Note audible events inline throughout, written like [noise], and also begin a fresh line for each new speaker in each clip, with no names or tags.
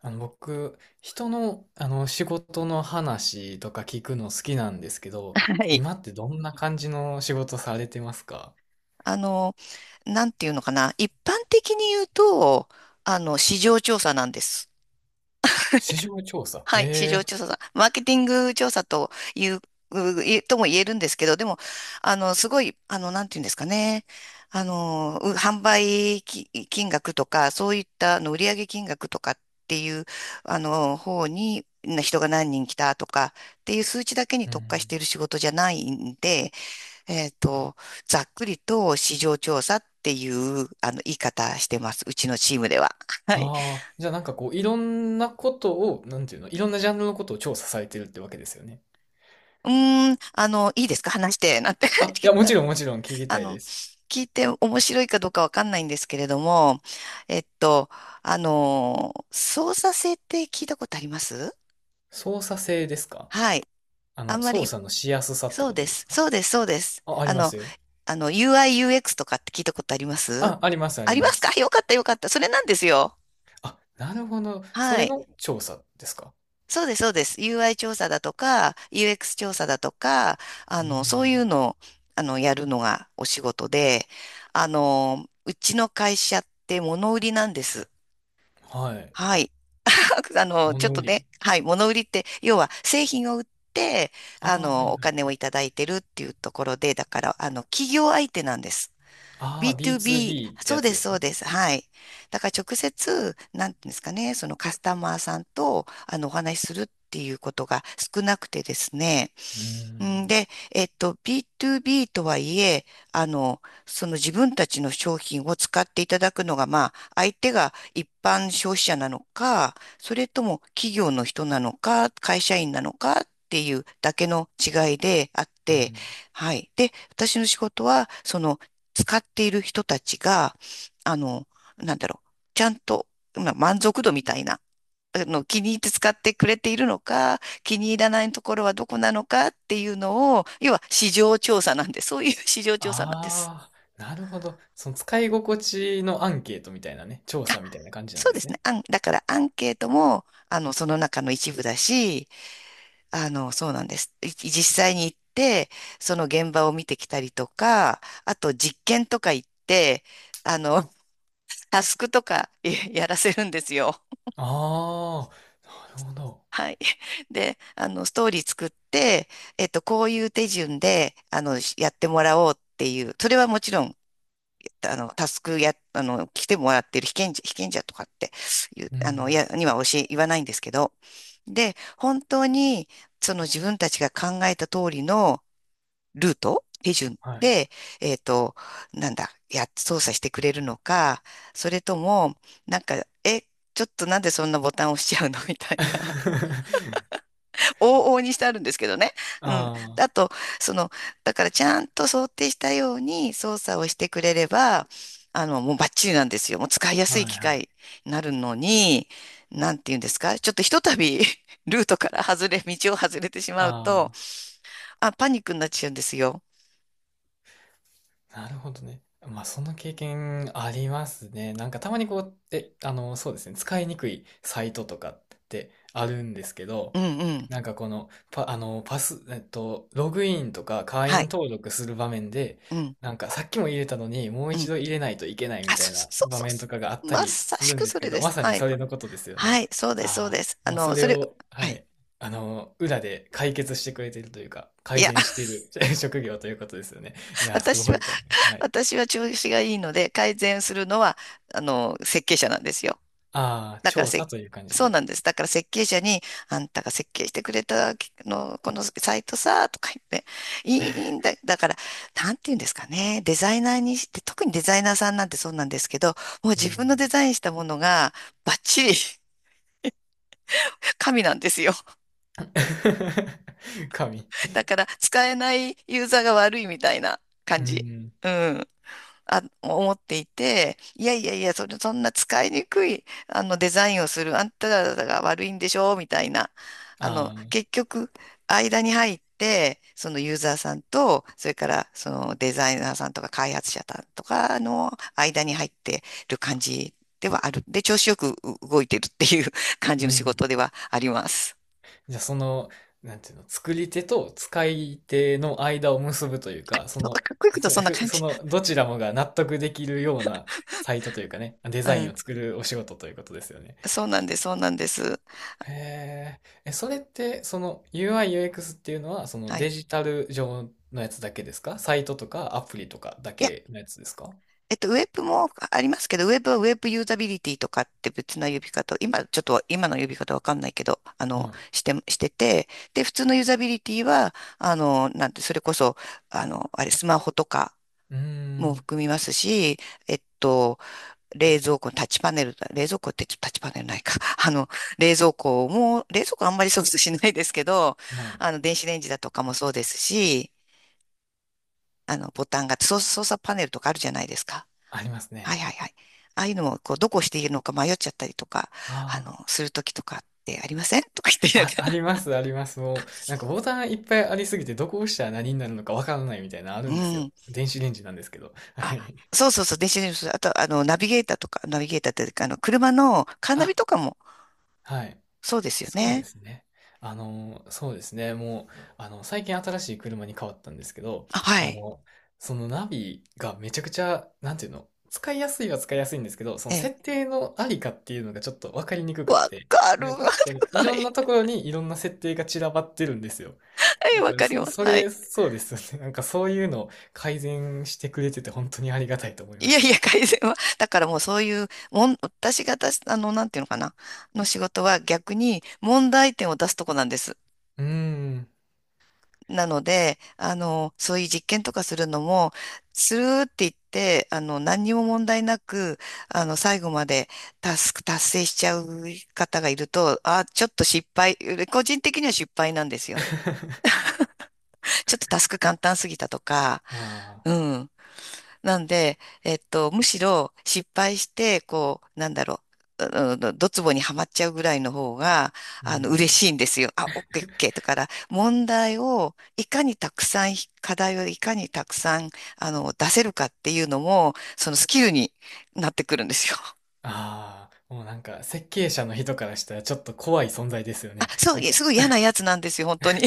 僕、人の、仕事の話とか聞くの好きなんですけど、
はい。
今ってどんな感じの仕事されてますか？
あの、なんていうのかな。一般的に言うと、市場調査なんです。
市場調査。
はい。市場
へえ。
調査さん。マーケティング調査という、ういとも言えるんですけど、でも、あの、すごい、あの、なんていうんですかね。販売金額とか、そういった売上金額とかっていう、方に、な人が何人来たとかっていう数値だけに
う
特化し
ん。
ている仕事じゃないんで、えっと、ざっくりと市場調査っていうあの言い方してます。うちのチームでは。はい。
ああ、じゃあなんかこう、いろんなことを、なんていうの、いろんなジャンルのことを調査されてるってわけですよね。
うーん、いいですか話して、なんて？
あ、いや、
[laughs]
もちろんもちろん聞き
あ
たいで
の、
す。
聞いて面白いかどうかわかんないんですけれども、えっと、操作性って聞いたことあります？
操作性ですか？
はい。あんま
操
り、
作のしやすさって
そう
こと
で
で
す。
すか？
そうです、そうです。
あ、ありますよ。
UI、UX とかって聞いたことあります？
あ、あります、あ
あ
り
りま
ま
すか？
す。
よかった、よかった。それなんですよ。
あ、なるほど。そ
は
れ
い。
の調査ですか？
そうです、そうです。UI 調査だとか、UX 調査だとか、
う
そうい
ん。
うのを、やるのがお仕事で、うちの会社って物売りなんです。
はい。
はい。[laughs] ちょっ
物
と
売り。
ね、はい、物売りって、要は製品を売って、
ああ、はい
お
はい。
金をいただいてるっていうところで、だから、企業相手なんです。
ああ、B2B っ
B2B、
て
そ
や
う
つ
で
で
す、
す
そう
ね。
です。はい。だから直接、なんていうんですかね、そのカスタマーさんと、お話しするっていうことが少なくてですね。
うー
ん
ん。
で、B2B とはいえ、あの、その自分たちの商品を使っていただくのが、まあ、相手が一般消費者なのか、それとも企業の人なのか、会社員なのかっていうだけの違いであっ
う
て、
ん。
はい。で、私の仕事は、その使っている人たちが、あの、なんだろう、ちゃんと、まあ、満足度みたいな、気に入って使ってくれているのか、気に入らないところはどこなのかっていうのを、要は市場調査なんで、そういう [laughs] 市場調査なんです。
ああ、なるほど。その使い心地のアンケートみたいなね、調
あ、
査みたいな感じなん
そう
で
で
す
すね。
ね。
あん、だからアンケートも、その中の一部だし、そうなんです。実際に行って、その現場を見てきたりとか、あと実験とか行って、あの、タスクとかやらせるんですよ。
ああ、なるほど。
はい。[laughs] で、ストーリー作って、こういう手順で、やってもらおうっていう、それはもちろん、タスクや、来てもらってる被験者とかっていう、
うん。
には教え、言わないんですけど、で、本当に、その自分たちが考えた通りのルート、手順
はい。
で、えっと、なんだ、や、操作してくれるのか、それとも、なんか、え、ちょっとなんでそんなボタン押しちゃうの？ [laughs] みたいな。
[laughs]
往々にしてあるんですけどね。うん。
あ
あと、その、だからちゃんと想定したように操作をしてくれれば、もうバッチリなんですよ。もう使いや
あ、
すい
はい
機
は
械
い。
になるのに、なんて言うんですか？ちょっとひとたび [laughs] ルートから外れ、道を外れてしまうと、
ああ。
あ、パニックになっちゃうんですよ。
なるほどね。まあ、その経験ありますね。なんかたまにこう、え、あの、そうですね、使いにくいサイトとかってあるんですけ
う
ど、
んうん。
なんかこの、パ、あの、パス、ログインとか会
は
員
い。
登録する場面で、
うん。
なんかさっきも入れたのにもう
う
一
ん。
度入れないといけないみ
あ、
た
そう
いな
そう
場
そう
面と
そ
かがあっ
う。
た
ま
り
さ
す
し
るん
く
です
そ
け
れ
ど、
で
ま
す。
さに
はい。
それのことですよ
は
ね。
い。そうです、そう
ああ、
です。
もうそれを、
は
は
い。
い、裏で解決してくれてるというか、
い
改
や、
善してい
[laughs]
る [laughs] 職業ということですよね。いやー、す
私
ご
は
いと思います。はい。
私は調子がいいので、改善するのは、設計者なんですよ。
ああ、
だから
調査
せ、
という感じ
そう
で。
なんです。だから設計者に、あんたが設計してくれたの、このサイトさ、とか言って、いいんだ。だから、なんて言うんですかね。デザイナーにして、特にデザイナーさんなんてそうなんですけど、もう
う
自分
ん。
のデザインしたものが、バッチリ神なんですよ。
[laughs] 神。
だから、使えないユーザーが悪いみたいな
う
感じ。
ん。
うん。あ、思っていて、いやいやいや、それ、そんな使いにくい、デザインをする、あんたらが悪いんでしょ、みたいな。
ああ、
結局、間に入って、そのユーザーさんと、それから、そのデザイナーさんとか開発者さんとかの間に入ってる感じではある。で、調子よく動いてるっていう [laughs] 感じ
う
の仕
ん。
事ではあります。
じゃあ、その、なんていうの、作り手と使い手の間を結ぶというか、そ
そう
の、
かっこいいこと
そ
そんな
ふ
感
そ
じ。
の、どちらもが納得できるようなサイトというかね、デ
う
ザイン
ん。
を作るお仕事ということですよね。
そうなんです、そうなんです。
へーえ、それって、その UI、UX っていうのは、その
はい。
デジタル上のやつだけですか？サイトとかアプリとかだ
いや、
けのやつですか？
ウェブもありますけど、ウェブはウェブユーザビリティとかって別な呼び方を、今ちょっと今の呼び方わかんないけど、
はい。
してて、で、普通のユーザビリティは、あの、なんて、それこそ、あの、あれ、スマホとか
うー
も
ん。
含みますし、えっと、冷蔵庫のタッチパネル、冷蔵庫ってちょっとタッチパネルないか。[laughs] あの、冷蔵庫も、冷蔵庫あんまり操作しないですけど、
はい。
電子レンジだとかもそうですし、ボタンが、操作パネルとかあるじゃないですか。
あります
はい
ね。
はいはい。ああいうのも、こう、どこをしているのか迷っちゃったりとか、
ああ。
するときとかってありません？ [laughs] とか言っ
あ、
て、
あります、あります。もう、なんかボタンいっぱいありすぎて、どこ押したら何になるのかわからないみたいなのあ
[laughs] う
るんですよ。
ん。
電子レンジなんですけど。は
あ、
い。
そうそうそう、電子レンジ、あと、ナビゲーターとか、ナビゲーターっていうか、車のカーナビ
あ、
とかも、
はい。
そうですよ
そうで
ね。
すね。そうですね。もう、最近新しい車に変わったんですけど、
あ、は
あ
い。
の、そのナビがめちゃくちゃ、なんていうの、使いやすいは使いやすいんですけど、そ
え
の
え。
設定のありかっていうのがちょっとわかりにくくっ
わ
て、
かる。
なんかこの
[laughs]
い
は
ろんな
い。
ところにいろんな設定が散らばってるんですよ。
はい、
なん
わ
か、
かり
そ、
ます。
そ
はい。
れ、そうですよね。なんかそういうの改善してくれてて本当にありがたいと思い
い
ま
やい
す。
や、改善は。だからもうそういう、私が出す、あの、なんていうのかな、の仕事は逆に問題点を出すとこなんです。
うーん。
なので、そういう実験とかするのも、スルーって言って、何にも問題なく、最後までタスク達成しちゃう方がいると、あ、ちょっと失敗、個人的には失敗なんですよ。
[laughs]
ちょっとタスク簡単すぎたとか、
ああ、
うん。なんで、むしろ失敗して、こう、ドツボにはまっちゃうぐらいの方が、
う
嬉
ん。
しいんですよ。あ、オッケーオッケー。だから、問題をいかにたくさん、課題をいかにたくさん、出せるかっていうのも、そのスキルになってくるんですよ。
ああ、もうなんか設計者の人からしたらちょっと怖い存在ですよ
あ、
ね。
そう、
なんか
すごい嫌なやつなんですよ、本当に。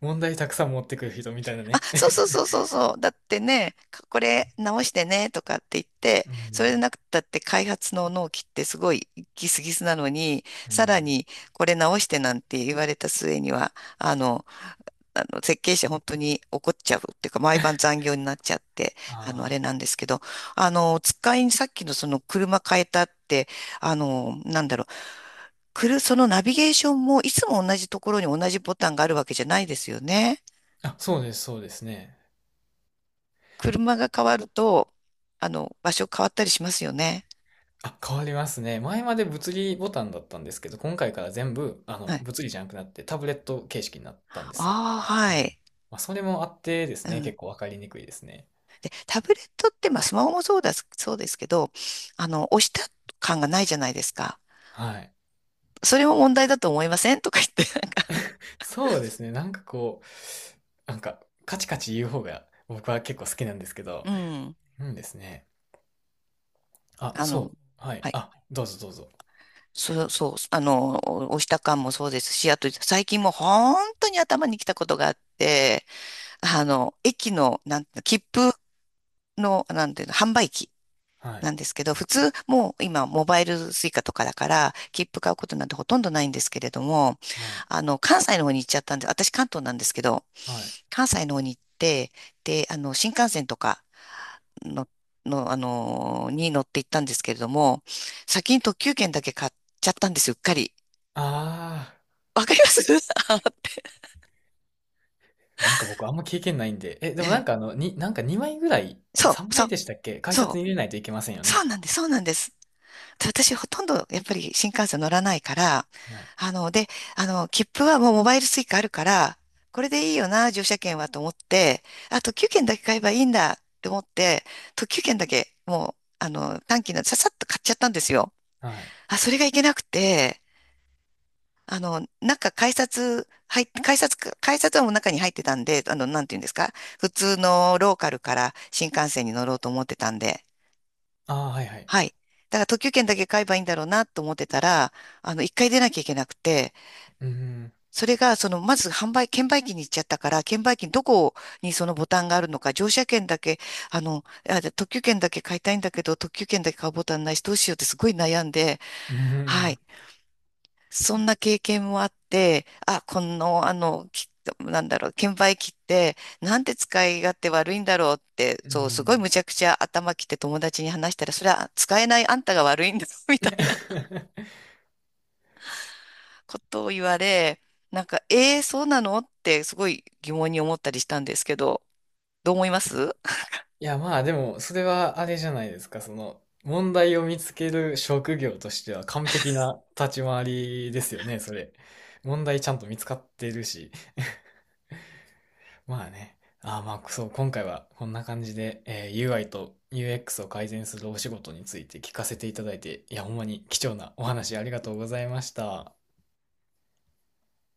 問題たくさん持ってくる人みたいな
あ、
ね。
そうそうそうそうそう。だってね、これ直してねとかって言っ
[laughs]
て、
う
それで
ん、
なくったって開発の納期ってすごいギスギスなのに、
う
さら
ん。
にこれ直してなんて言われた末には、あの、あの設計者本当に怒っちゃうっていうか、毎晩残業になっちゃって、
あ
あれなんですけど、あの、使いにさっきのその車変えたって、あの、なんだろう、そのナビゲーションもいつも同じところに同じボタンがあるわけじゃないですよね。
あ、あ、そうです、そうですね。
車が変わると、場所変わったりしますよね。
あ、変わりますね。前まで物理ボタンだったんですけど、今回から全部、
はい。
物理じゃなくなってタブレット形式になったんですよ。
ああ、は
はい。
い。
まあ、それもあってです
う
ね、
ん。
結構わかりにくいですね。
で、タブレットって、まあ、スマホもそうだ、そうですけど、押した感がないじゃないですか。
はい。
それも問題だと思いません？とか言って、
そうですね。なんかこう、なんか、カチカチ言う方が僕は結構好きなんですけ
う
ど、
ん。
うんですね。あ、
あの、
そう。はい。
はい。
あ、どうぞどうぞ。
そう、そう、押した感もそうですし、あと、最近もう本当に頭にきたことがあって、駅の、なんていうの、切符の、なんていうの、販売機。
は
な
い。
んですけど、普通、もう今、モバイルスイカとかだから、切符買うことなんてほとんどないんですけれども、
はい。
関西の方に行っちゃったんで、私関東なんですけど、
はい。
関西の方に行って、で、新幹線とかの、に乗って行ったんですけれども、先に特急券だけ買っちゃったんですよ、うっかり。
あ
わかります？ [laughs] あーって。
あ、なんか僕あんま経験ないんで。え、で
え
もなん
え、
かあの、に、なんか2枚ぐらい、
そ
3
う、そ
枚
う、
でしたっけ？改
そ
札に入れ
う、
ないといけませんよ
そう
ね。
なんです、そうなんです。私ほとんどやっぱり新幹線乗らないから、あの、で、あの、切符はもうモバイル Suica あるから、これでいいよな、乗車券はと思って、特急券だけ買えばいいんだって思って、特急券だけもう、短期のささっと買っちゃったんですよ。
はい。
あ、それがいけなくて、あの、中改札、入っ改札、改札はもう中に入ってたんで、なんていうんですか、普通のローカルから新幹線に乗ろうと思ってたんで、
ああ、はいはい。
はい。だから特急券だけ買えばいいんだろうなと思ってたら、一回出なきゃいけなくて、
うん。
それが、その、まず券売機に行っちゃったから、券売機にどこにそのボタンがあるのか、乗車券だけ、あの、あ、じゃあ特急券だけ買いたいんだけど、特急券だけ買うボタンないし、どうしようってすごい悩んで、
う
はい。
ん。
そんな経験もあって、あ、この、あの、きなんだろう、券売機って、なんで使い勝手悪いんだろうって、
[laughs] う
そう、すごい
ん。
むちゃくちゃ頭きて友達に話したら、それは使えないあんたが悪いんだ、[laughs] みたい
[laughs]
ことを言われ、そうなのってすごい疑問に思ったりしたんですけど、どう思います？
いや、まあでも、それはあれじゃないですか。その、問題を見つける職業としては完璧な立ち回りですよね、それ。問題ちゃんと見つかってるし。まあね。ああ、まあ、そう、今回はこんな感じで、えー UI と UX を改善するお仕事について聞かせていただいて、いや、ほんまに貴重なお話ありがとうございました。